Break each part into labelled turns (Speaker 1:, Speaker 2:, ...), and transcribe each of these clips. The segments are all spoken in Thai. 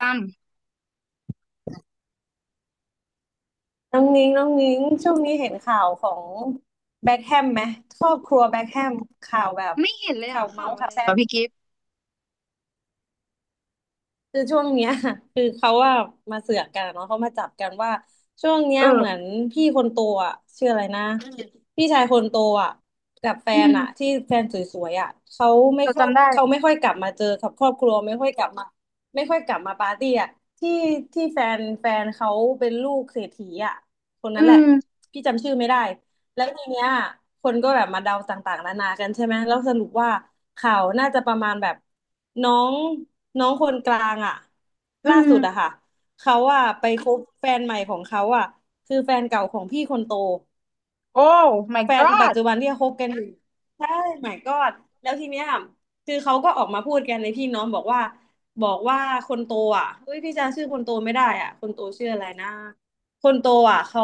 Speaker 1: จำ
Speaker 2: น้องนิ้งช่วงนี้เห็นข่าวของแบ็คแฮมไหมครอบครัวแบ็คแฮมข่าวแบบ
Speaker 1: ไม่เห็นเลย
Speaker 2: ข่า
Speaker 1: อ่ะ
Speaker 2: วเมา
Speaker 1: ข่าว
Speaker 2: ส์
Speaker 1: อะ
Speaker 2: ข่า
Speaker 1: ไร
Speaker 2: ว
Speaker 1: เห
Speaker 2: แซ่
Speaker 1: รอ
Speaker 2: บ
Speaker 1: พี่กิฟต์
Speaker 2: คือช่วงเนี้ย คือเขาว่ามาเสือกกันเนาะเขามาจับกันว่าช่วงเนี้
Speaker 1: เอ
Speaker 2: ยเหมือ
Speaker 1: อ
Speaker 2: นพี่คนโตอ่ะชื่ออะไรนะพี่ชายคนโตอ่ะกับแฟ
Speaker 1: อื
Speaker 2: นอ่ะที่
Speaker 1: ม
Speaker 2: แฟนสวยๆอ่ะเขาไม่
Speaker 1: เรา
Speaker 2: ค่อย
Speaker 1: จำได้
Speaker 2: เขาไม่ค่อยกลับมาเจอกับครอบครัวไม่ค่อยกลับมาไม่ค่อยกลับมาปาร์ตี้อ่ะที่ที่แฟนเขาเป็นลูกเศรษฐีอ่ะคน
Speaker 1: อื
Speaker 2: นั้นแหละ
Speaker 1: ม
Speaker 2: พี่จำชื่อไม่ได้ แล้วทีเนี้ยคนก็แบบมาเดาต่างๆนานากันใช่ไหมแล้วสรุปว่าข่าวน่าจะประมาณแบบน้องน้องคนกลางอ่ะ
Speaker 1: อื
Speaker 2: ล่า
Speaker 1: ม
Speaker 2: สุดอะค่ะ เขาอะไปคบแฟนใหม่ของเขาอะคือแฟนเก่าของพี่คนโต
Speaker 1: โอ้ my
Speaker 2: แฟนปัจ
Speaker 1: god
Speaker 2: จุบันที่คบกันอยู่ใช่ my god แล้วทีเนี้ยคือเขาก็ออกมาพูดกันในพี่น้องบอกว่าคนโตอ่ะเฮ้ยพี่จำชื่อคนโตไม่ได้อ่ะคนโตชื่ออะไรนะคนโตอ่ะเขา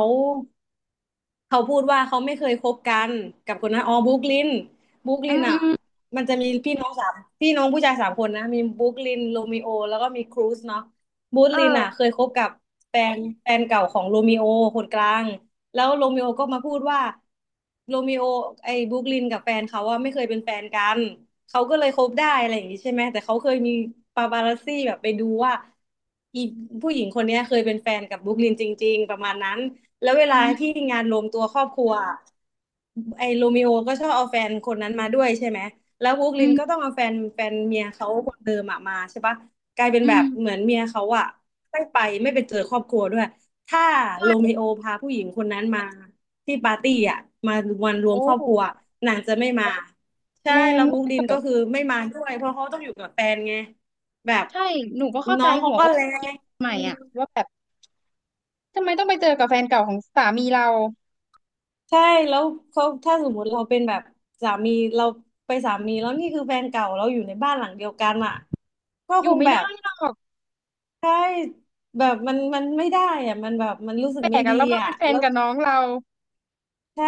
Speaker 2: เขาพูดว่าเขาไม่เคยคบกันกับคนนั้นอ๋อบุ๊กลินบุ๊ก
Speaker 1: อื
Speaker 2: ลิน
Speaker 1: มอื
Speaker 2: อ่ะ
Speaker 1: ม
Speaker 2: มันจะมีพี่น้องสามพี่น้องผู้ชายสามคนนะมีบุ๊กลินโรมิโอแล้วก็มีครูซเนาะบุ๊ก
Speaker 1: เอ
Speaker 2: ลินอ่ะเค
Speaker 1: อ
Speaker 2: ยคบกับแฟนแฟนเก่าของโรมิโอคนกลาง แล้วโรมิโอก็มาพูดว่าโรมิโอไอ้บรูคลินกับแฟนเขาว่าไม่เคยเป็นแฟนกันเขาก็เลยคบได้อะไรอย่างนี้ใช่ไหมแต่เขาเคยมีปาปารัสซี่แบบไปดูว่าอีผู้หญิงคนเนี้ยเคยเป็นแฟนกับบรูคลินจริงๆประมาณนั้นแล้วเว
Speaker 1: อื
Speaker 2: ลาที่
Speaker 1: ม
Speaker 2: งานรวมตัวครอบครัวไอ้โรมิโอก็ชอบเอาแฟนคนนั้นมาด้วยใช่ไหมแล้วบรูค
Speaker 1: อื
Speaker 2: ลินก็
Speaker 1: ม
Speaker 2: ต้องเอาแฟนเมียเขาคนเดิมอะมาใช่ปะกลายเป็น
Speaker 1: อื
Speaker 2: แบ
Speaker 1: ม
Speaker 2: บเหมือนเมียเขาอะตั้งไปไม่ไปเจอครอบครัวด้วย ถ้า
Speaker 1: ใช
Speaker 2: โรมิ
Speaker 1: ่
Speaker 2: โอพาผู้หญิงคนนั้นมาที่ปาร์ตี้อ่ะมาวันรวม
Speaker 1: โอ้
Speaker 2: ครอบครัวนางจะไม่มาใช่
Speaker 1: แรง
Speaker 2: แล้วบรู
Speaker 1: มา
Speaker 2: คลิ
Speaker 1: ก
Speaker 2: นก็คือไม่มาด้วยเพราะเขาต้องอยู่กับแฟนไงแบบ
Speaker 1: ใช่หนูก็เข้า
Speaker 2: น้
Speaker 1: ใจ
Speaker 2: องเขา
Speaker 1: หัว
Speaker 2: ก็
Speaker 1: อก
Speaker 2: แร
Speaker 1: ผู้หญิง
Speaker 2: ง
Speaker 1: ใหม่อ่ะ
Speaker 2: ม
Speaker 1: ว่าแบบทำไมต้องไปเจอกับแฟนเก่าของสามีเรา
Speaker 2: ใช่แล้วเขาถ้าสมมติเราเป็นแบบสามีเราไปสามีแล้วนี่คือแฟนเก่าเราอยู่ในบ้านหลังเดียวกันอ่ะก็
Speaker 1: อ
Speaker 2: ค
Speaker 1: ยู่
Speaker 2: ง
Speaker 1: ไม่
Speaker 2: แบ
Speaker 1: ได้
Speaker 2: บ
Speaker 1: หรอก
Speaker 2: ใช่แบบมันไม่ได้อ่ะมันแบบมันรู้สึ
Speaker 1: แป
Speaker 2: ก
Speaker 1: ล
Speaker 2: ไม่
Speaker 1: กอ่ะ
Speaker 2: ดี
Speaker 1: แล้วมา
Speaker 2: อ่ะ
Speaker 1: เป็นแฟน
Speaker 2: แล้ว
Speaker 1: กับน้องเรา
Speaker 2: ใช่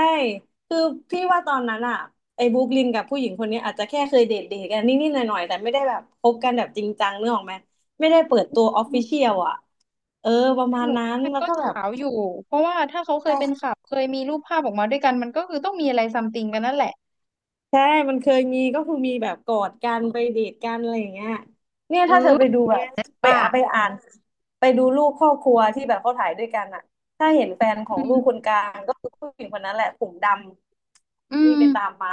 Speaker 2: คือพี่ว่าตอนนั้นอะไอ้บรูคลินกับผู้หญิงคนนี้อาจจะแค่เคยเดทกันนิดๆหน่อยๆแต่ไม่ได้แบบคบกันแบบจริงจังเนื้อออกไหมไม่ได้เปิดตัวออฟ
Speaker 1: อื
Speaker 2: ฟิ
Speaker 1: ม
Speaker 2: เชียลอะเออประ
Speaker 1: แต่
Speaker 2: มาณ
Speaker 1: หนู
Speaker 2: นั้น
Speaker 1: มัน
Speaker 2: แล้ว
Speaker 1: ก็
Speaker 2: ก็แบบ
Speaker 1: เฉาอยู่เพราะว่าถ้าเขาเคยเป็นข่าวเคยมีรูปภาพออกมาด้วยกันมันก็คือต้องมีอะไรซัมติงกันนั่นแหละ
Speaker 2: ใช่ มันเคยมีก็คือมีแบบกอดกันไปเดทกันอะไรอย่างเงี้ยเนี่ย
Speaker 1: เอ
Speaker 2: ถ้าเธอไป
Speaker 1: อ
Speaker 2: ดูแบบไป
Speaker 1: ว่า
Speaker 2: อ่ะไปอ่านไปดูรูปครอบครัวที่แบบเขาถ่ายด้วยกันอะถ้าเห็นแฟนขอ
Speaker 1: อื
Speaker 2: งลูกคน
Speaker 1: ม
Speaker 2: กลางก็คือผู้หญิงคนนั้นแหละผมด
Speaker 1: อื
Speaker 2: ำนี่
Speaker 1: ม
Speaker 2: ไปตามมา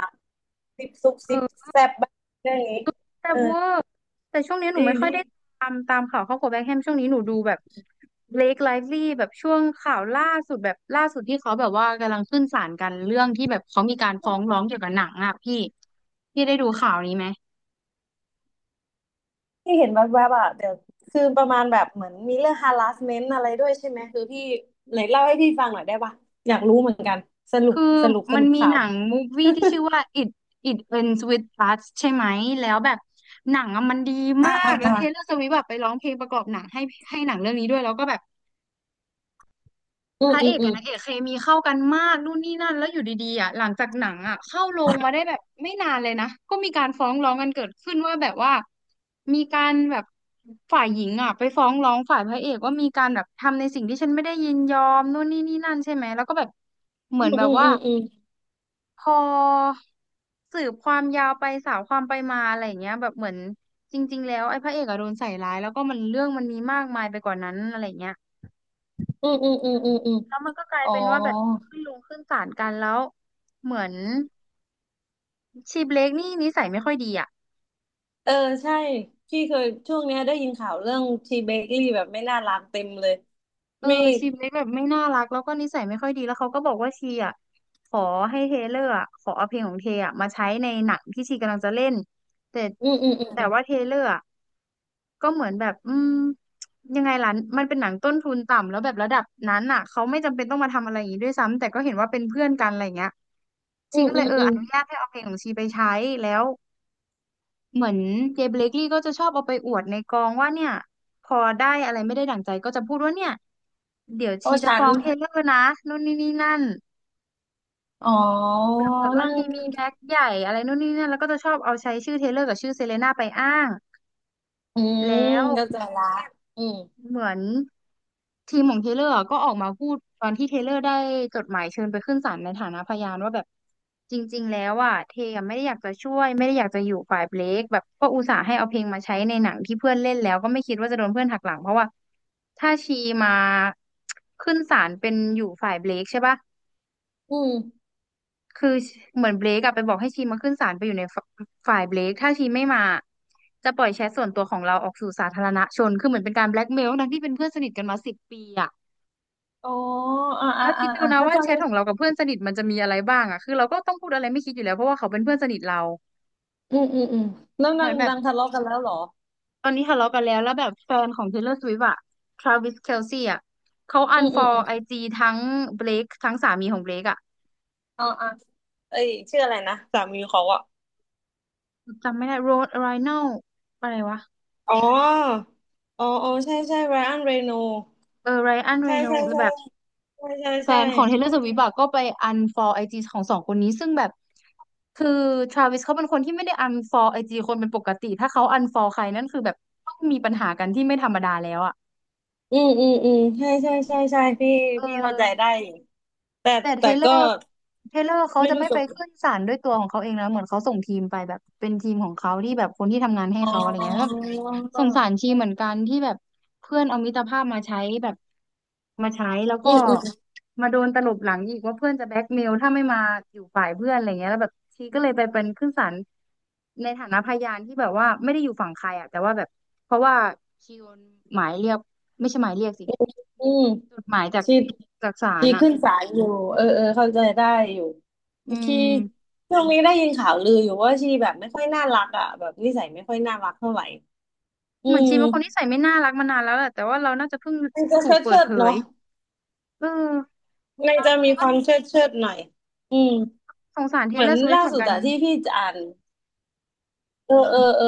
Speaker 2: ซิปซุบ
Speaker 1: เ
Speaker 2: ซิป
Speaker 1: ออ
Speaker 2: แซบบ้างเรื่องนี้
Speaker 1: แต่
Speaker 2: เออ
Speaker 1: เวอร์แต่ช่วงนี้ห
Speaker 2: จ
Speaker 1: นู
Speaker 2: ริง
Speaker 1: ไม่ค่
Speaker 2: จ
Speaker 1: อย
Speaker 2: ริง
Speaker 1: ได้ตามข่าวครอบครัวแบ็คแฮมช่วงนี้หนูดูแบบเบล k ไลฟ์ลีแบบช่วงข่าวล่าสุดแบบล่าสุดที่เขาแบบว่ากำลังขึ้นศาลกันเรื่องที่แบบเขามีการฟ้องร้องเกี่ยวกับหนังอ่ะพี่ได้ดูข่าวนี้ไหม
Speaker 2: ที่เห็นแวบๆอ่ะเดี๋ยวคือประมาณแบบเหมือนมีเรื่อง harassment อะไรด้วยใช่ไหมคือพี่ไหนเล่าให้พี่ฟังหน่อยได้ปะอยากรู้เหมือนกันสรุป
Speaker 1: คือ
Speaker 2: สรุปส
Speaker 1: มัน
Speaker 2: รุป
Speaker 1: มี
Speaker 2: ข่า
Speaker 1: ห
Speaker 2: ว
Speaker 1: นังมูฟวี่ที่ชื่อว่า It Ends With Us ใช่ไหมแล้วแบบหนังอะมันดี
Speaker 2: อ่า
Speaker 1: มา
Speaker 2: อ่า
Speaker 1: กแล้วเทย์เลอร์สวิฟต์แบบไปร้องเพลงประกอบหนังให้หนังเรื่องนี้ด้วยแล้วก็แบบ
Speaker 2: อื
Speaker 1: พ
Speaker 2: ม
Speaker 1: ระ
Speaker 2: อื
Speaker 1: เอ
Speaker 2: ม
Speaker 1: ก
Speaker 2: อื
Speaker 1: กับ
Speaker 2: ม
Speaker 1: นางเอกเคมีเข้ากันมากนู่นนี่นั่นแล้วอยู่ดีๆอ่ะหลังจากหนังอ่ะเข้าโรงมาได้แบบไม่นานเลยนะก็มีการฟ้องร้องกันเกิดขึ้นว่าแบบว่ามีการแบบฝ่ายหญิงอ่ะไปฟ้องร้องฝ่ายพระเอกว่ามีการแบบทำในสิ่งที่ฉันไม่ได้ยินยอมนู่นนี่นี่นั่นใช่ไหมแล้วก็แบบเหมื
Speaker 2: อื
Speaker 1: อน
Speaker 2: ม
Speaker 1: แบบว่า
Speaker 2: อืมอืม
Speaker 1: พอสืบความยาวไปสาวความไปมาอะไรอย่างเงี้ยแบบเหมือนจริงๆแล้วไอ้พระเอกอะโดนใส่ร้ายแล้วก็มันเรื่องมันมีมากมายไปกว่านั้นอะไรอย่างเงี้ย
Speaker 2: อืมอืมอืมอืมอืมอืม
Speaker 1: แล้วมันก็กลาย
Speaker 2: อ๋อ
Speaker 1: เป็นว่าแบบขึ้นลงขึ้นศาลกันแล้วเหมือนชีเบรกนี่นิสัยไม่ค่อยดีอ่ะ
Speaker 2: เออใช่พี่เคยช่วงเนี้ยได้ยินข่าวเรื่องทีเบเกอรี่แบบไม่น่ารักเต็มเลย
Speaker 1: เออ
Speaker 2: ไม่
Speaker 1: ชีเล็กแบบไม่น่ารักแล้วก็นิสัยไม่ค่อยดีแล้วเขาก็บอกว่าชีอ่ะขอให้เทเลอร์อะขอเอาเพลงของเทอ่ะมาใช้ในหนังที่ชีกำลังจะเล่นแต่
Speaker 2: อืมอืมอืม
Speaker 1: ว่าเทเลอร์อะก็เหมือนแบบอืมยังไงล่ะมันเป็นหนังต้นทุนต่ำแล้วแบบระดับนั้นอ่ะเขาไม่จำเป็นต้องมาทำอะไรอย่างนี้ด้วยซ้ำแต่ก็เห็นว่าเป็นเพื่อนกันอะไรอย่างเงี้ย
Speaker 2: อื
Speaker 1: ชี
Speaker 2: ม
Speaker 1: ก็
Speaker 2: อื
Speaker 1: เลย
Speaker 2: ม
Speaker 1: เออ
Speaker 2: อื
Speaker 1: อ
Speaker 2: ม
Speaker 1: นุญาตให้เอาเพลงของชีไปใช้แล้ว เหมือนเจเบเลกลี่ก็จะชอบเอาไปอวดในกองว่าเนี่ยพอได้อะไรไม่ได้ดั่งใจก็จะพูดว่าเนี่ยเดี๋ยว
Speaker 2: เพ
Speaker 1: ชี
Speaker 2: ราะ
Speaker 1: จะ
Speaker 2: ฉั
Speaker 1: ฟ้
Speaker 2: น
Speaker 1: องเทเลอร์นะนู่นนี่นี่นั่น
Speaker 2: อ๋อ
Speaker 1: แบบเหมือนว่า
Speaker 2: นั่ง
Speaker 1: ชีมีแบ็คใหญ่อะไรนู่นนี่นั่นแล้วก็จะชอบเอาใช้ชื่อเทเลอร์กับชื่อเซเลน่าไปอ้าง
Speaker 2: อืม
Speaker 1: แล้ว
Speaker 2: เข้าใจละอืม
Speaker 1: เหมือนทีมของเทเลอร์ก็ออกมาพูดตอนที่เทเลอร์ได้จดหมายเชิญไปขึ้นศาลในฐานะพยานว่าแบบจริงๆแล้วอ่ะเทอะไม่ได้อยากจะช่วยไม่ได้อยากจะอยู่ฝ่ายเบลคแบบก็อุตส่าห์ให้เอาเพลงมาใช้ในหนังที่เพื่อนเล่นแล้วก็ไม่คิดว่าจะโดนเพื่อนหักหลังเพราะว่าถ้าชีมาขึ้นศาลเป็นอยู่ฝ่ายเบลคใช่ปะ
Speaker 2: อืม
Speaker 1: คือเหมือนเบรกอะไปบอกให้ชีมาขึ้นศาลไปอยู่ในฝฝ่ายเบรกถ้าชีไม่มาจะปล่อยแชทส่วนตัวของเราออกสู่สาธารณชนคือเหมือนเป็นการแบล็กเมลทั้งที่เป็นเพื่อนสนิทกันมา10 ปีอะ
Speaker 2: อ๋ออ่าอ่า
Speaker 1: แล้วคิ
Speaker 2: อ่า
Speaker 1: ดดู
Speaker 2: อ่า
Speaker 1: นะ
Speaker 2: เข้า
Speaker 1: ว่า
Speaker 2: ใจ
Speaker 1: แช
Speaker 2: เล
Speaker 1: ท
Speaker 2: ย
Speaker 1: ของเรากับเพื่อนสนิทมันจะมีอะไรบ้างอะคือเราก็ต้องพูดอะไรไม่คิดอยู่แล้วเพราะว่าเขาเป็นเพื่อนสนิทเรา
Speaker 2: อืมอืมอืมนื่ง
Speaker 1: เห
Speaker 2: นั
Speaker 1: มือ
Speaker 2: ง
Speaker 1: นแบบ
Speaker 2: ดังทะเลาะกันแล้วเหรอ
Speaker 1: ตอนนี้ทะเลาะกันแล้วแล้วแบบแฟนของ Taylor Swift อะ Travis Kelce อะเขา
Speaker 2: อืมอืมอื
Speaker 1: unfollow
Speaker 2: ม
Speaker 1: ไอจีทั้งเบ k e ทั้งสามีของเบ k e อะ
Speaker 2: อ๋ออ่าเอ้ยชื่ออะไรนะสามีเขาอะ
Speaker 1: จำไม่ได้ Rod Ryan อะไรวะ
Speaker 2: อ๋ออ๋ออ๋อใช่ใช่ไบรอันเรโน
Speaker 1: เออ Ryan
Speaker 2: ใช่ใช่
Speaker 1: Reynolds แล้ว
Speaker 2: ใช่
Speaker 1: แบบ
Speaker 2: ใช่ใช่
Speaker 1: แฟ
Speaker 2: ใช่
Speaker 1: นของ Taylor Swift อะก็ไป unfollow ไอจีของสองคนนี้ซึ่งแบบคือ Travis เขาเป็นคนที่ไม่ได้ unfollow ไอจีคนเป็นปกติถ้าเขา unfollow ใครนั่นคือแบบต้องมีปัญหากันที่ไม่ธรรมดาแล้วอะ
Speaker 2: อืมอืมอืมใช่ใช่ใช่ใช่พี่
Speaker 1: เออ
Speaker 2: พี่เข้าใจได้อยู่แต่
Speaker 1: แต่เท
Speaker 2: แต่
Speaker 1: เลอ
Speaker 2: ก็
Speaker 1: ร์เทเลอร์เขา
Speaker 2: ไม่
Speaker 1: จะ
Speaker 2: รู้
Speaker 1: ไม่
Speaker 2: จ
Speaker 1: ไป
Speaker 2: บ
Speaker 1: ขึ้นศาลด้วยตัวของเขาเองนะเหมือนเขาส่งทีมไปแบบเป็นทีมของเขาที่แบบคนที่ทำงานให้
Speaker 2: อ๋อ
Speaker 1: เขาอะไรเงี้ยก็สงสารชีเหมือนกันที่แบบเพื่อนเอามิตรภาพมาใช้แบบมาใช้แล้วก็
Speaker 2: อืมอืม
Speaker 1: มาโดนตลบหลังอีกว่าเพื่อนจะแบล็กเมลถ้าไม่มาอยู่ฝ่ายเพื่อนอะไรเงี้ยแล้วแบบชีก็เลยไปเป็นขึ้นศาลในฐานะพยานที่แบบว่าไม่ได้อยู่ฝั่งใครอ่ะแต่ว่าแบบเพราะว่าชีโดนหมายเรียกไม่ใช่หมายเรียกสิ
Speaker 2: อืม
Speaker 1: จดหมายจาก
Speaker 2: ชี
Speaker 1: ศา
Speaker 2: ชี
Speaker 1: ลอะ
Speaker 2: ขึ้นศาลอยู่เออเออเข้าใจได้อยู่
Speaker 1: อื
Speaker 2: ชี
Speaker 1: ม
Speaker 2: ช่วงนี้ได้ยินข่าวลืออยู่ว่าชีแบบไม่ค่อยน่ารักอ่ะแบบนิสัยไม่ค่อยน่ารักเท่าไหร่อื
Speaker 1: เหมือนชี
Speaker 2: ม
Speaker 1: เป็นคนนิสัยไม่น่ารักมานานแล้วแหละ แต่ว่าเราน่าจะเพิ่ง
Speaker 2: มันจะ
Speaker 1: ถูก
Speaker 2: เชิด
Speaker 1: เปิด
Speaker 2: เชิ
Speaker 1: เผ
Speaker 2: ด
Speaker 1: ย
Speaker 2: เนาะ
Speaker 1: เออ
Speaker 2: มันจะ
Speaker 1: แต่
Speaker 2: มีค
Speaker 1: ก็
Speaker 2: วามเชิดหน่อยอืม
Speaker 1: สงสารเท
Speaker 2: เห
Speaker 1: ย์
Speaker 2: มื
Speaker 1: เล
Speaker 2: อ
Speaker 1: อ
Speaker 2: น
Speaker 1: ร์สวิฟต์
Speaker 2: ล่า
Speaker 1: เหมือน
Speaker 2: สุด
Speaker 1: กัน
Speaker 2: อะที่พี่จะอ่านเออเออเออ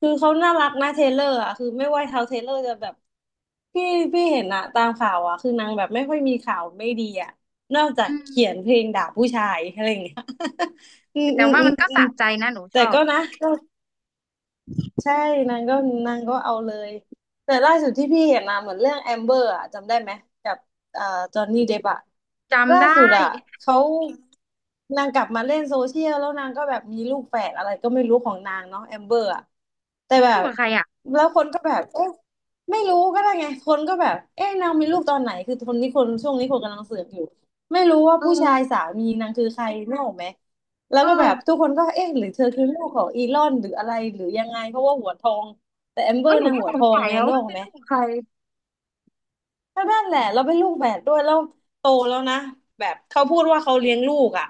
Speaker 2: คือเขาน่ารักนะเทเลอร์อะคือไม่ว่าเท้าเทเลอร์จะแบบพี่พี่เห็นอะตามข่าวอะคือนางแบบไม่ค่อยมีข่าวไม่ดีอะนอกจาก
Speaker 1: อืม
Speaker 2: เขียนเพลงด่าผู้ชายอะไรอย่างเงี้ย อืม
Speaker 1: แต่
Speaker 2: อืม
Speaker 1: ว่า
Speaker 2: อื
Speaker 1: มั
Speaker 2: ม
Speaker 1: นก็
Speaker 2: อืม
Speaker 1: สะใจนะหนูช
Speaker 2: แต่
Speaker 1: อบ
Speaker 2: ก็นะ ใช่นางก็เอาเลยแต่ล่าสุดที่พี่เห็นนะเหมือนเรื่องแอมเบอร์อะจำได้ไหมกับเอ่อจอห์นนี่เดปอะล่า
Speaker 1: จำ
Speaker 2: สุ
Speaker 1: ได้
Speaker 2: ดอะเขานางกลับมาเล่นโซเชียลแล้วนางก็แบบมีลูกแฝดอะไรก็ไม่รู้ของนางเนาะแอมเบอร์อะแต่
Speaker 1: แม่น
Speaker 2: แบ
Speaker 1: เลูก
Speaker 2: บ
Speaker 1: กับใครอ่ะ
Speaker 2: แล้วคนก็แบบเอ๊ะไม่รู้ก็ได้ไงคนก็แบบเอ๊ะนางมีลูกตอนไหนคือคนนี้คนช่วงนี้คนกำลังเสือกอยู่ไม่รู้ว่า
Speaker 1: เอ
Speaker 2: ผู้
Speaker 1: อ
Speaker 2: ชายสามีนางคือใครนึกออกไหม แล้ว
Speaker 1: เอ
Speaker 2: ก็แบ
Speaker 1: อ
Speaker 2: บทุกคนก็เอ๊ะหรือเธอคือลูกของอีลอนหรืออะไรหรือยังไงเพราะว่าหัวทองแต่แอมเบ
Speaker 1: เอ
Speaker 2: อ
Speaker 1: อ
Speaker 2: ร์
Speaker 1: หนู
Speaker 2: นาง
Speaker 1: ก็
Speaker 2: หัว
Speaker 1: ส
Speaker 2: ท
Speaker 1: ง
Speaker 2: อง
Speaker 1: สัย
Speaker 2: ไง
Speaker 1: แล้ว
Speaker 2: นึ
Speaker 1: ว่า
Speaker 2: ก
Speaker 1: มั
Speaker 2: อ
Speaker 1: น
Speaker 2: อก
Speaker 1: เป็น
Speaker 2: ไหม
Speaker 1: ลูกของใคร
Speaker 2: ก็นั่นแหละเราเป็นลูกแฝดด้วยแล้วโตแล้วนะแบบเขาพูดว่าเขาเลี้ยงลูกอ่ะ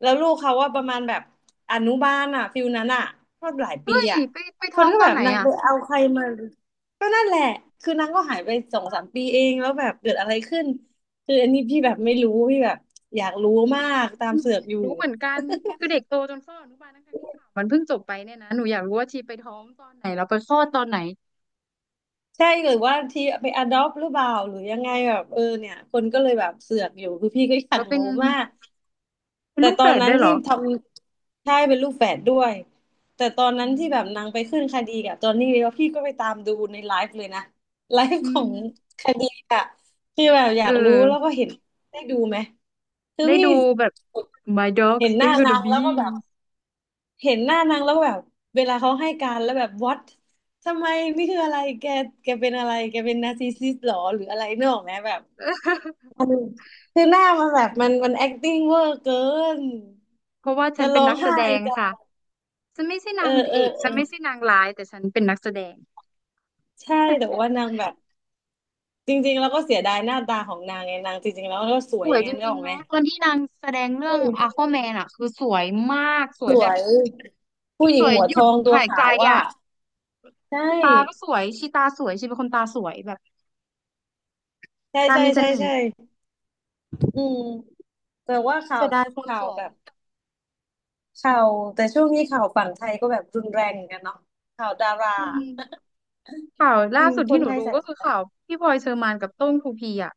Speaker 2: แล้วลูกเขาว่าประมาณแบบอนุบาลอ่ะฟิลนั้นอ่ะก็หลายปี
Speaker 1: เฮ้ย
Speaker 2: อ่ะ
Speaker 1: ไป
Speaker 2: ค
Speaker 1: ท้
Speaker 2: น
Speaker 1: อง
Speaker 2: ก็
Speaker 1: ตอ
Speaker 2: แบ
Speaker 1: น
Speaker 2: บ
Speaker 1: ไหน
Speaker 2: นาง
Speaker 1: อ่ะ
Speaker 2: ไปเอาใครมาก็นั่นแหละคือนางก็หายไปสองสามปีเองแล้วแบบเกิดอะไรขึ้นคืออันนี้พี่แบบไม่รู้พี่แบบอยากรู้
Speaker 1: อุ้
Speaker 2: มา
Speaker 1: ย
Speaker 2: กตา
Speaker 1: ห
Speaker 2: ม
Speaker 1: นู
Speaker 2: เสือ
Speaker 1: อ
Speaker 2: ก
Speaker 1: ยาก
Speaker 2: อยู่
Speaker 1: รู้เหมือนกัน คือเด็กโตจนเข้าอนุบาลทั้งๆที่ข่าวมันเพิ่งจบไปเนี่ยนะหนูอยากรู้ว่าชีไปท้องตอนไหนแล้วไปคลอดตอนไหน
Speaker 2: ใช่หรือว่าทีไปอดอ t หรือเปล่าหรือยังไงแบบเออเนี่ยคนก็เลยแบบเสือกอยู่คือพี่ก็อยา
Speaker 1: แล้
Speaker 2: ก
Speaker 1: วเป็น
Speaker 2: รู้มาก
Speaker 1: เป็น
Speaker 2: แต่
Speaker 1: ลูก
Speaker 2: ตอ
Speaker 1: แฝ
Speaker 2: น
Speaker 1: ด
Speaker 2: นั้
Speaker 1: ด้
Speaker 2: น
Speaker 1: วยเหร
Speaker 2: ที่
Speaker 1: อ
Speaker 2: ทำใช่เป็นลูกแฝดด้วยแต่ตอน
Speaker 1: อื
Speaker 2: นั้นที่แบ
Speaker 1: ม
Speaker 2: บนางไปขึ้นคดีกับจอห์นนี่แล้วพี่ก็ไปตามดูในไลฟ์เลยนะไลฟ์
Speaker 1: อื
Speaker 2: ขอ
Speaker 1: ม
Speaker 2: งคดีอะที่แบบอ
Speaker 1: เอ
Speaker 2: ยากรู้แล้วก็
Speaker 1: อ
Speaker 2: เห็นได้ดูไหมคือ
Speaker 1: ได้
Speaker 2: พี่
Speaker 1: ดูแบบ My Dog
Speaker 2: เห็นหน้า
Speaker 1: Sting of
Speaker 2: นา
Speaker 1: the
Speaker 2: ง
Speaker 1: b
Speaker 2: แล้วก็แบ
Speaker 1: e a
Speaker 2: บ
Speaker 1: s t
Speaker 2: เห็นหน้านางแล้วแบบเวลาเขาให้การแล้วแบบ what ทำไมนี่คืออะไรแกแกเป็นอะไรแกเป็นนาร์ซิสซิสหรอหรืออะไรเนกออกไหมแบบ มันคือหน้ามันแบบมัน acting เวอร์เกิน
Speaker 1: เพราะว่าฉั
Speaker 2: จะ
Speaker 1: นเป็น
Speaker 2: ร้อง
Speaker 1: นักแส
Speaker 2: ไห้
Speaker 1: ดง
Speaker 2: จะ
Speaker 1: ค่ะฉันไม่ใช่
Speaker 2: เอ
Speaker 1: นา
Speaker 2: อ
Speaker 1: ง
Speaker 2: เออ
Speaker 1: เอก
Speaker 2: เอ
Speaker 1: ฉั
Speaker 2: อ
Speaker 1: นไม่ใช่นางร้ายแต่ฉันเป็นนักแสดง
Speaker 2: ใช่แต่ว่านางแบบจริงๆแล้วก็เสียดายหน้าตาของนางไงนางจริงๆแล้วก็สว
Speaker 1: ส
Speaker 2: ย
Speaker 1: วย
Speaker 2: ไง
Speaker 1: จ
Speaker 2: นึก
Speaker 1: ริ
Speaker 2: อ
Speaker 1: ง
Speaker 2: อก
Speaker 1: ๆ
Speaker 2: ไหม
Speaker 1: เนาะตอนที่นางแสดงเรื่
Speaker 2: อื
Speaker 1: อง
Speaker 2: ม
Speaker 1: Aquaman อ่ะคือสวยมากสว
Speaker 2: ส
Speaker 1: ยแบ
Speaker 2: ว
Speaker 1: บ
Speaker 2: ยผู้ห
Speaker 1: ส
Speaker 2: ญิง
Speaker 1: วย
Speaker 2: หัว
Speaker 1: หยุ
Speaker 2: ท
Speaker 1: ด
Speaker 2: องตัว
Speaker 1: หายใจ
Speaker 2: ขาวว่า
Speaker 1: อ่ะ
Speaker 2: ใช่
Speaker 1: ตาก็สวยชีตาสวยชีเป็นคนตาสวยแบบ
Speaker 2: ใช่
Speaker 1: ตา
Speaker 2: ใช่
Speaker 1: มีเส
Speaker 2: ใช่
Speaker 1: น่ห์
Speaker 2: ใช่อืมแต่ว่า
Speaker 1: เสียดายคน
Speaker 2: ข่า
Speaker 1: ส
Speaker 2: ว
Speaker 1: ว
Speaker 2: แบ
Speaker 1: ย
Speaker 2: บ ข่าวแต่ช่วงนี้ข่าวฝั่งไทยก็แบบรุนแรงเหมือนกันเนาะข่าวดารา
Speaker 1: อืมข่าว
Speaker 2: จ
Speaker 1: ล่า
Speaker 2: ริง
Speaker 1: สุด
Speaker 2: ค
Speaker 1: ที่
Speaker 2: น
Speaker 1: หนู
Speaker 2: ไทย
Speaker 1: ดู
Speaker 2: ใส่
Speaker 1: ก็คือข่าวพี่พลอยเชอร์มานกับโต้งทูพีอ่ะ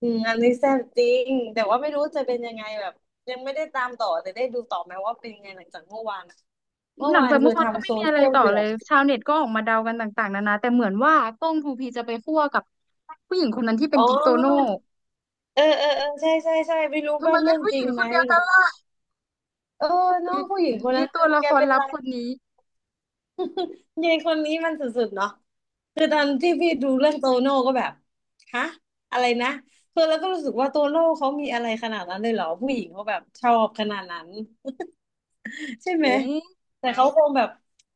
Speaker 2: อืมอันนี้แซ่บจริงแต่ว่าไม่รู้จะเป็นยังไงแบบยังไม่ได้ตามต่อแต่ได้ดูต่อไหมว่าเป็นยังไงหลังจากเมื่อวานอะเมื่อ
Speaker 1: หลัง
Speaker 2: วาน
Speaker 1: จาก
Speaker 2: คื
Speaker 1: เมื่
Speaker 2: อ
Speaker 1: อวานก็
Speaker 2: ทำ
Speaker 1: ไม่
Speaker 2: โซ
Speaker 1: มีอะไร
Speaker 2: เชียล
Speaker 1: ต่อ
Speaker 2: เดื
Speaker 1: เล
Speaker 2: อ
Speaker 1: ย
Speaker 2: ด
Speaker 1: ชาวเน็ตก็ออกมาเดากันต่างๆนานาแต่เหมือนว่าก้องทูพีจะไปคั่วกับผู้หญิงคนนั้นที่เป็น
Speaker 2: อ๋อ
Speaker 1: กิ๊กโตโน่
Speaker 2: เออเออเออใช่ใช่ใช่ไม่รู้
Speaker 1: ทำไม
Speaker 2: ว่า
Speaker 1: เป็
Speaker 2: เรื่
Speaker 1: น
Speaker 2: อง
Speaker 1: ผู้
Speaker 2: จ
Speaker 1: ห
Speaker 2: ริ
Speaker 1: ญิ
Speaker 2: ง
Speaker 1: งค
Speaker 2: ไหม
Speaker 1: นเดียวกันล่ะ
Speaker 2: เออ น้อ
Speaker 1: ยี
Speaker 2: งผู้หญิงคน
Speaker 1: ยี
Speaker 2: นั้น
Speaker 1: ตั
Speaker 2: คื
Speaker 1: ว
Speaker 2: อ
Speaker 1: ละ
Speaker 2: แก
Speaker 1: คร
Speaker 2: เป็น
Speaker 1: ลับ
Speaker 2: ไร
Speaker 1: คนนี้
Speaker 2: ยายคนนี้มันสุดๆเนาะคือตอน
Speaker 1: จริ
Speaker 2: ที่
Speaker 1: ง
Speaker 2: พี่ดูเรื่องโตโน่ก็แบบฮะอะไรนะคือแล้วก็รู้สึกว่าโตโน่เขามีอะไรขนาดนั้นเลยเหรอผู้หญิงเขาแบบชอบขนาดนั้นใช่
Speaker 1: ผ
Speaker 2: ไหม
Speaker 1: ม
Speaker 2: แต่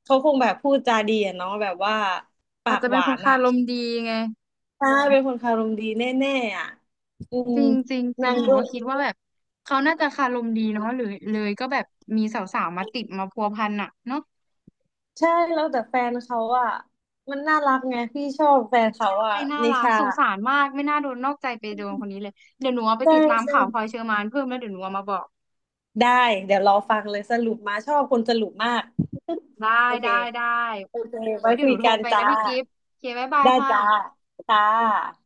Speaker 2: เขาคงแบบพูดจาดีอะเนาะแบบว่า
Speaker 1: อา
Speaker 2: ปา
Speaker 1: จ
Speaker 2: ก
Speaker 1: จะ
Speaker 2: ห
Speaker 1: เป็น
Speaker 2: วา
Speaker 1: คน
Speaker 2: น
Speaker 1: คา
Speaker 2: อะ
Speaker 1: รมดีไง
Speaker 2: ใช่เป็นคนคารมดีแน่ๆอะอืม
Speaker 1: จริงจริงจริ
Speaker 2: นา
Speaker 1: ง
Speaker 2: ง
Speaker 1: หนู
Speaker 2: ก็
Speaker 1: ก็คิดว่าแบบเขาน่าจะคารมดีเนาะหรือเลยก็แบบมีสาวๆมาติดมาพัวพันอ่ะเนาะ
Speaker 2: ใช่แล้วแต่แฟนเขาอะมันน่ารักไงพี่ชอบแฟนเขาอะ
Speaker 1: ใช่น่า
Speaker 2: นิ
Speaker 1: รัก
Speaker 2: ชา
Speaker 1: สงสารมากไม่น่าโดนนอกใจไปโดนคนนี้เลยเดี๋ยวหนูเอาไป
Speaker 2: ใช่
Speaker 1: ติดตาม
Speaker 2: ใช่
Speaker 1: ข่าวพลอยเชอร์มานเพิ่มแล้วเดี๋ยวหนูเอามาบอก
Speaker 2: ได้เดี๋ยวรอฟังเลยสรุปมาชอบคนสรุปมาก
Speaker 1: ได้
Speaker 2: โอเค
Speaker 1: ได้
Speaker 2: โอเค
Speaker 1: ไว้
Speaker 2: ไว้
Speaker 1: เดี๋ย
Speaker 2: คุ
Speaker 1: วห
Speaker 2: ย
Speaker 1: นูโทร
Speaker 2: กัน
Speaker 1: ไป
Speaker 2: จ้า
Speaker 1: นะพี่กิฟต์โอเคบ๊ายบาย
Speaker 2: ได้
Speaker 1: ค่ะ
Speaker 2: จ้าจ้า